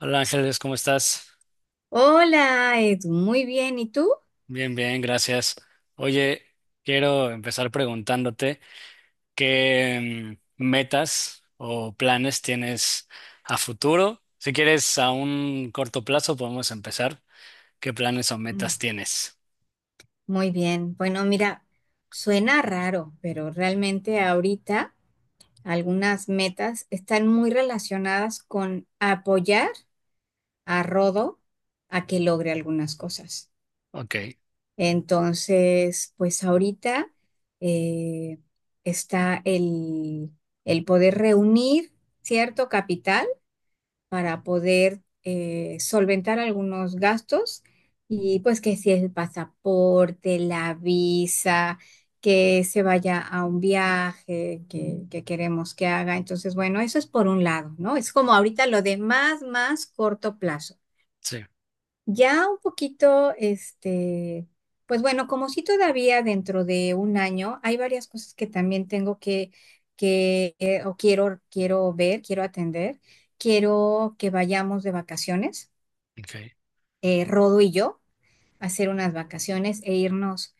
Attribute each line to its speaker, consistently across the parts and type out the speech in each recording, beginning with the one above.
Speaker 1: Hola Ángeles, ¿cómo estás?
Speaker 2: Hola, Edu, muy bien. ¿Y tú?
Speaker 1: Bien, bien, gracias. Oye, quiero empezar preguntándote qué metas o planes tienes a futuro. Si quieres a un corto plazo, podemos empezar. ¿Qué planes o
Speaker 2: Mm.
Speaker 1: metas tienes?
Speaker 2: Muy bien. Bueno, mira, suena raro, pero realmente ahorita algunas metas están muy relacionadas con apoyar a Rodo a que logre algunas cosas.
Speaker 1: Ok,
Speaker 2: Entonces, pues ahorita eh, está el poder reunir cierto capital. Para poder solventar algunos gastos y pues que si el pasaporte, la visa, que se vaya a un viaje que queremos que haga. Entonces, bueno, eso es por un lado, ¿no? Es como ahorita lo de más corto plazo.
Speaker 1: sí,
Speaker 2: Ya un poquito, pues bueno, como si todavía dentro de un año hay varias cosas que también tengo que o quiero ver, quiero atender. Quiero que vayamos de vacaciones,
Speaker 1: ok,
Speaker 2: Rodo y yo, a hacer unas vacaciones e irnos,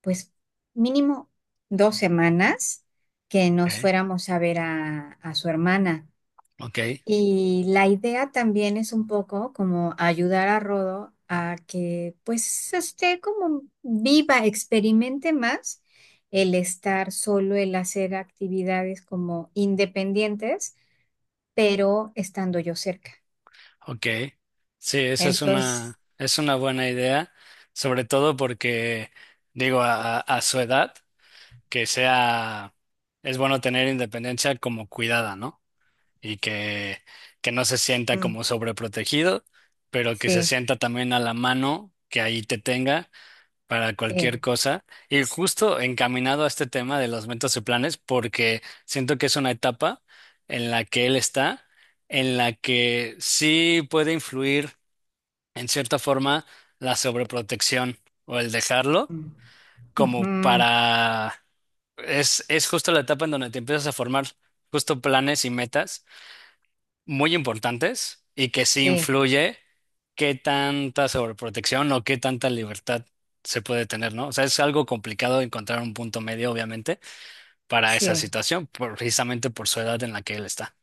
Speaker 2: pues mínimo 2 semanas que nos
Speaker 1: ok,
Speaker 2: fuéramos a ver a su hermana.
Speaker 1: ok.
Speaker 2: Y la idea también es un poco como ayudar a Rodo a que pues esté como viva, experimente más el estar solo, el hacer actividades como independientes, pero estando yo cerca.
Speaker 1: Ok. Sí, esa
Speaker 2: Entonces,
Speaker 1: es una buena idea, sobre todo porque, digo, a su edad. Que sea, es bueno tener independencia como cuidada, ¿no? Y que no se sienta
Speaker 2: mm,
Speaker 1: como sobreprotegido, pero que se
Speaker 2: sí,
Speaker 1: sienta también a la mano, que ahí te tenga para cualquier
Speaker 2: sí,
Speaker 1: cosa. Y justo encaminado a este tema de los metas y planes, porque siento que es una etapa en la que él está, en la que sí puede influir en cierta forma la sobreprotección o el dejarlo
Speaker 2: mm,
Speaker 1: como
Speaker 2: ujú,
Speaker 1: para... es justo la etapa en donde te empiezas a formar justo planes y metas muy importantes y que sí
Speaker 2: sí,
Speaker 1: influye qué tanta sobreprotección o qué tanta libertad se puede tener, ¿no? O sea, es algo complicado encontrar un punto medio, obviamente, para esa
Speaker 2: sí.
Speaker 1: situación, precisamente por su edad en la que él está.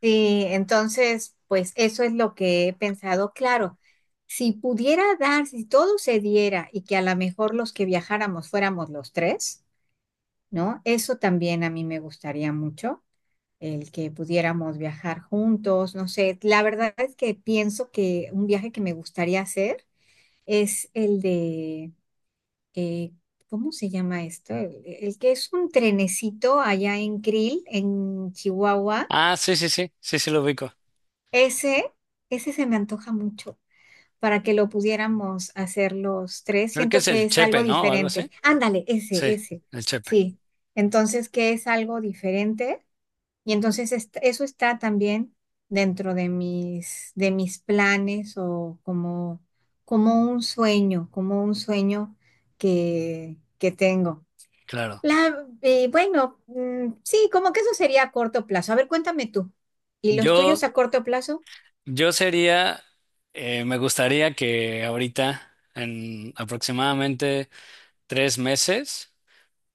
Speaker 2: Sí, entonces, pues eso es lo que he pensado. Claro, si pudiera dar, si todo se diera y que a lo mejor los que viajáramos fuéramos los tres, ¿no? Eso también a mí me gustaría mucho, el que pudiéramos viajar juntos, no sé. La verdad es que pienso que un viaje que me gustaría hacer es el de, eh, ¿cómo se llama esto? El que es un trenecito allá en Krill, en Chihuahua.
Speaker 1: Ah, sí, sí, sí, sí, sí lo ubico.
Speaker 2: Ese, ese se me antoja mucho para que lo pudiéramos hacer los tres.
Speaker 1: Creo que
Speaker 2: Siento
Speaker 1: es
Speaker 2: que
Speaker 1: el
Speaker 2: es
Speaker 1: Chepe,
Speaker 2: algo
Speaker 1: ¿no? O algo
Speaker 2: diferente.
Speaker 1: así.
Speaker 2: Ándale, ese,
Speaker 1: Sí,
Speaker 2: ese.
Speaker 1: el Chepe,
Speaker 2: Sí. Entonces, ¿que es algo diferente? Y entonces eso está también dentro de mis planes o como, como un sueño que tengo.
Speaker 1: claro.
Speaker 2: Bueno, mm, sí, como que eso sería a corto plazo. A ver, cuéntame tú. ¿Y los
Speaker 1: Yo,
Speaker 2: tuyos a corto plazo?
Speaker 1: yo sería, me gustaría que ahorita, en aproximadamente tres meses,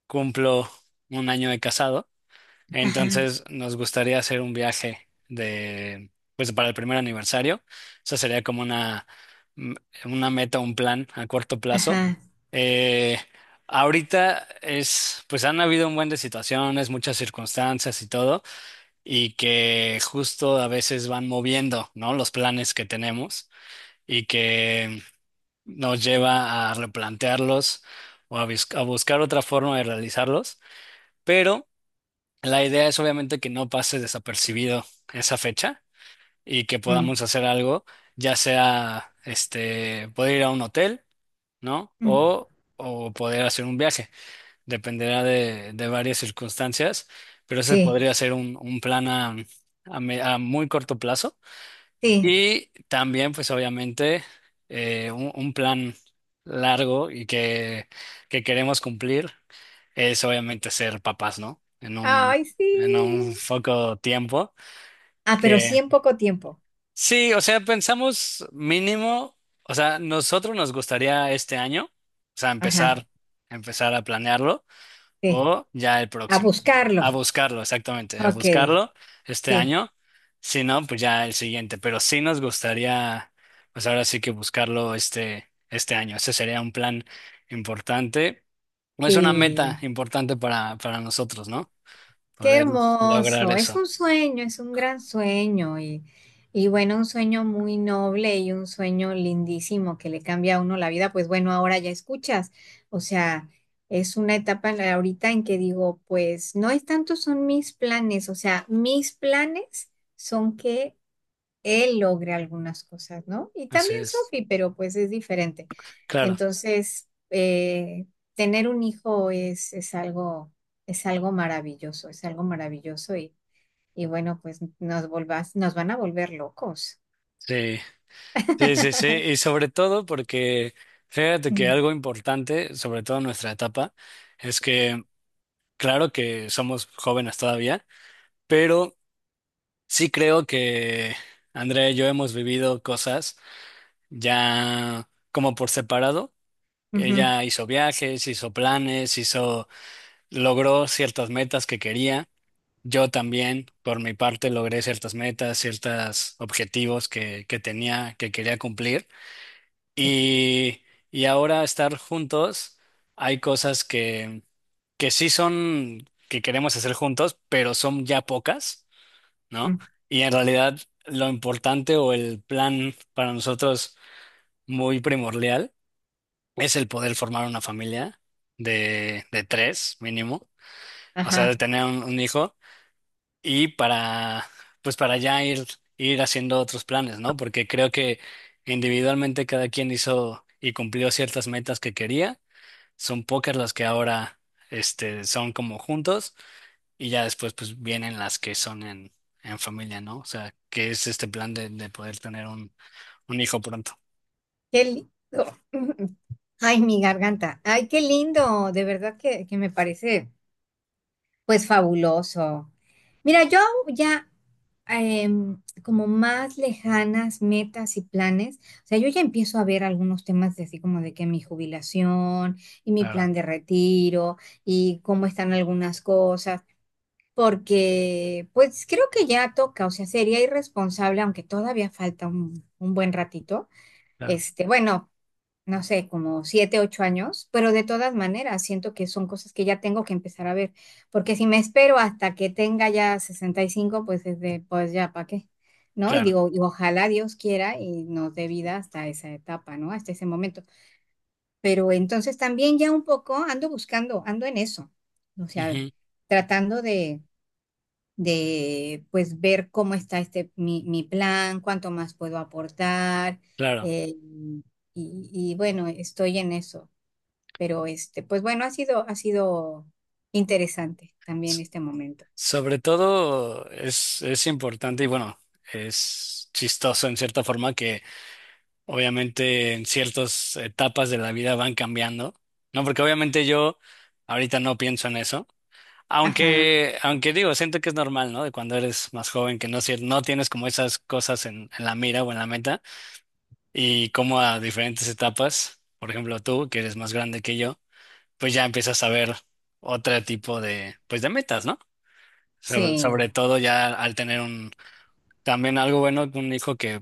Speaker 1: cumplo un año de casado.
Speaker 2: Ajá.
Speaker 1: Entonces, nos gustaría hacer un viaje de, pues, para el primer aniversario. Esa sería como una, m- una meta, un plan a corto plazo.
Speaker 2: Ajá.
Speaker 1: Eh, ahorita es, pues, han habido un buen de situaciones, muchas circunstancias y todo, y que justo a veces van moviendo, ¿no? Los planes que tenemos y que nos lleva a replantearlos o a, a buscar otra forma de realizarlos. Pero la idea es obviamente que no pase desapercibido esa fecha y que
Speaker 2: Mm,
Speaker 1: podamos hacer algo, ya sea, este, poder ir a un hotel, ¿no?
Speaker 2: mm,
Speaker 1: O poder hacer un viaje. Dependerá de varias circunstancias, pero ese
Speaker 2: sí,
Speaker 1: podría ser un plan a a muy corto plazo.
Speaker 2: sí.
Speaker 1: Y también, pues obviamente, un plan largo y que queremos cumplir es obviamente ser papás, ¿no?
Speaker 2: Ay,
Speaker 1: En un
Speaker 2: sí.
Speaker 1: poco tiempo.
Speaker 2: Ah, pero
Speaker 1: Que
Speaker 2: sí en poco tiempo.
Speaker 1: sí, o sea, pensamos mínimo, o sea, nosotros nos gustaría este año, o sea,
Speaker 2: Ajá,
Speaker 1: empezar, empezar a planearlo
Speaker 2: sí.
Speaker 1: o ya el
Speaker 2: A
Speaker 1: próximo.
Speaker 2: buscarlo.
Speaker 1: A buscarlo, exactamente, a
Speaker 2: Ok,
Speaker 1: buscarlo este
Speaker 2: sí,
Speaker 1: año. Si no, pues ya el siguiente. Pero sí nos gustaría, pues ahora sí que buscarlo este, este año. Ese sería un plan importante. No, es una meta
Speaker 2: sí.
Speaker 1: importante para nosotros, ¿no?
Speaker 2: Qué
Speaker 1: Poder lograr
Speaker 2: hermoso. Es
Speaker 1: eso.
Speaker 2: un sueño, es un gran sueño y bueno, un sueño muy noble y un sueño lindísimo que le cambia a uno la vida. Pues bueno, ahora ya escuchas. O sea, es una etapa en ahorita en que digo, pues no es tanto son mis planes, o sea, mis planes son que él logre algunas cosas, ¿no? Y
Speaker 1: Así
Speaker 2: también
Speaker 1: es.
Speaker 2: Sophie, pero pues es diferente.
Speaker 1: Claro.
Speaker 2: Entonces, tener un hijo es algo maravilloso y bueno, pues nos volvás, nos van a volver locos.
Speaker 1: Sí, sí, sí, sí. Y sobre todo porque fíjate que
Speaker 2: Mm.
Speaker 1: algo importante, sobre todo en nuestra etapa, es que claro que somos jóvenes todavía, pero sí creo que Andrea y yo hemos vivido cosas ya como por separado.
Speaker 2: Ujú.
Speaker 1: Ella hizo viajes, hizo planes, hizo, logró ciertas metas que quería. Yo también, por mi parte, logré ciertas metas, ciertos objetivos que tenía, que quería cumplir.
Speaker 2: Sí.
Speaker 1: Y, y ahora estar juntos, hay cosas que sí son, que queremos hacer juntos, pero son ya pocas, ¿no?
Speaker 2: Mm.
Speaker 1: Y en realidad lo importante o el plan para nosotros muy primordial es el poder formar una familia de tres mínimo, o sea, de
Speaker 2: Ajá.
Speaker 1: tener un hijo y para, pues para ya ir, ir haciendo otros planes, ¿no? Porque creo que individualmente cada quien hizo y cumplió ciertas metas que quería, son pocas las que ahora, este, son como juntos. Y ya después, pues vienen las que son en familia, ¿no? O sea, que es este plan de poder tener un hijo pronto.
Speaker 2: Qué lindo. Ay, mi garganta. Ay, qué lindo. De verdad que me parece. Pues fabuloso. Mira, yo ya como más lejanas metas y planes, o sea, yo ya empiezo a ver algunos temas de así como de que mi jubilación y mi
Speaker 1: Claro,
Speaker 2: plan de retiro y cómo están algunas cosas, porque pues creo que ya toca, o sea, sería irresponsable, aunque todavía falta un buen ratito,
Speaker 1: claro,
Speaker 2: este, bueno, no sé, como 7, 8 años, pero de todas maneras siento que son cosas que ya tengo que empezar a ver, porque si me espero hasta que tenga ya 65 pues es de, pues ya, ¿para qué? ¿No? Y
Speaker 1: claro.
Speaker 2: digo, y ojalá Dios quiera y nos dé vida hasta esa etapa, ¿no? Hasta ese momento. Pero entonces también ya un poco ando buscando, ando en eso, o sea,
Speaker 1: Ujú,
Speaker 2: tratando de pues ver cómo está este, mi plan, cuánto más puedo aportar.
Speaker 1: claro.
Speaker 2: eh, y bueno, estoy en eso. Pero este, pues bueno, ha sido interesante también
Speaker 1: S-
Speaker 2: este momento.
Speaker 1: Sobre todo es importante y bueno, es chistoso en cierta forma que obviamente en ciertas etapas de la vida van cambiando, ¿no? Porque obviamente yo ahorita no pienso en eso.
Speaker 2: Ajá,
Speaker 1: Aunque, aunque digo, siento que es normal, ¿no? De cuando eres más joven, que no, es no tienes como esas cosas en la mira o en la meta. Y cómo a diferentes etapas, por ejemplo tú, que eres más grande que yo, pues ya empiezas a ver otro tipo de, pues de metas, ¿no? Sobre, sobre
Speaker 2: sí,
Speaker 1: todo ya al tener un, también algo bueno, un hijo que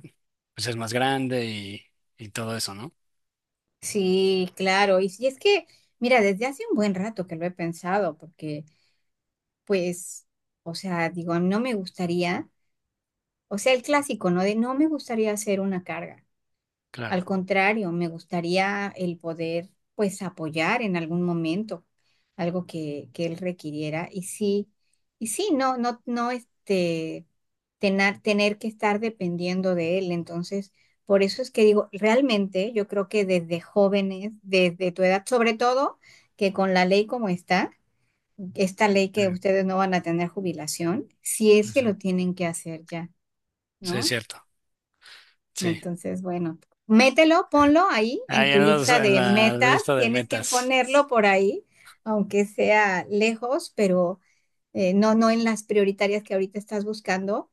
Speaker 1: pues es más grande y todo eso, ¿no?
Speaker 2: sí, claro. Y, si es que, mira, desde hace un buen rato que lo he pensado, porque, pues, o sea, digo, no me gustaría, o sea, el clásico, ¿no? De no me gustaría hacer una carga.
Speaker 1: Claro.
Speaker 2: Al contrario, me gustaría el poder, pues, apoyar en algún momento algo que él requiriera. Y sí, no, no, no, este, tener que estar dependiendo de él. Entonces, por eso es que digo, realmente yo creo que desde jóvenes, desde tu edad, sobre todo, que con la ley como está, esta ley que
Speaker 1: Sí,
Speaker 2: ustedes no van a tener jubilación, si
Speaker 1: sí,
Speaker 2: es que
Speaker 1: sí.
Speaker 2: lo tienen que hacer ya,
Speaker 1: Sí, es
Speaker 2: ¿no?
Speaker 1: cierto. Sí.
Speaker 2: Entonces, bueno, mételo, ponlo ahí en
Speaker 1: Ahí
Speaker 2: tu
Speaker 1: en los,
Speaker 2: lista
Speaker 1: en
Speaker 2: de
Speaker 1: la
Speaker 2: metas.
Speaker 1: lista de
Speaker 2: Tienes que
Speaker 1: metas.
Speaker 2: ponerlo por ahí, aunque sea lejos, pero no, no en las prioritarias que ahorita estás buscando,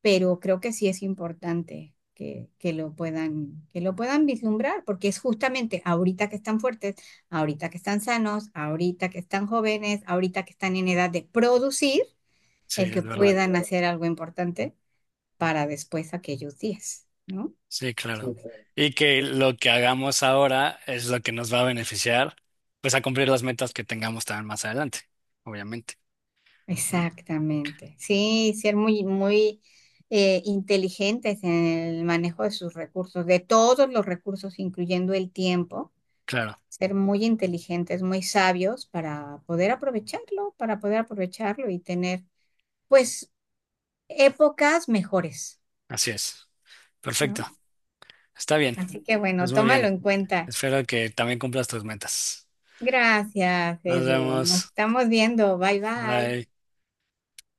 Speaker 2: pero creo que sí es importante que lo puedan vislumbrar, porque es justamente ahorita que están fuertes, ahorita que están sanos, ahorita que están jóvenes, ahorita que están en edad de producir,
Speaker 1: Sí,
Speaker 2: el que
Speaker 1: es verdad.
Speaker 2: puedan hacer algo importante para después aquellos días, ¿no?
Speaker 1: Sí, claro. Y que lo que hagamos ahora es lo que nos va a beneficiar, pues a cumplir las metas que tengamos también más adelante, obviamente, ¿no?
Speaker 2: Exactamente. Sí, ser muy, muy inteligentes en el manejo de sus recursos, de todos los recursos, incluyendo el tiempo.
Speaker 1: Claro,
Speaker 2: Ser muy inteligentes, muy sabios para poder aprovecharlo y tener, pues, épocas mejores,
Speaker 1: así es. Perfecto.
Speaker 2: ¿no?
Speaker 1: Está bien.
Speaker 2: Así que bueno,
Speaker 1: Pues muy
Speaker 2: tómalo
Speaker 1: bien.
Speaker 2: en cuenta.
Speaker 1: Espero que también cumplas tus metas.
Speaker 2: Gracias,
Speaker 1: Nos
Speaker 2: Edu. Nos
Speaker 1: vemos.
Speaker 2: estamos viendo. Bye, bye.
Speaker 1: Bye.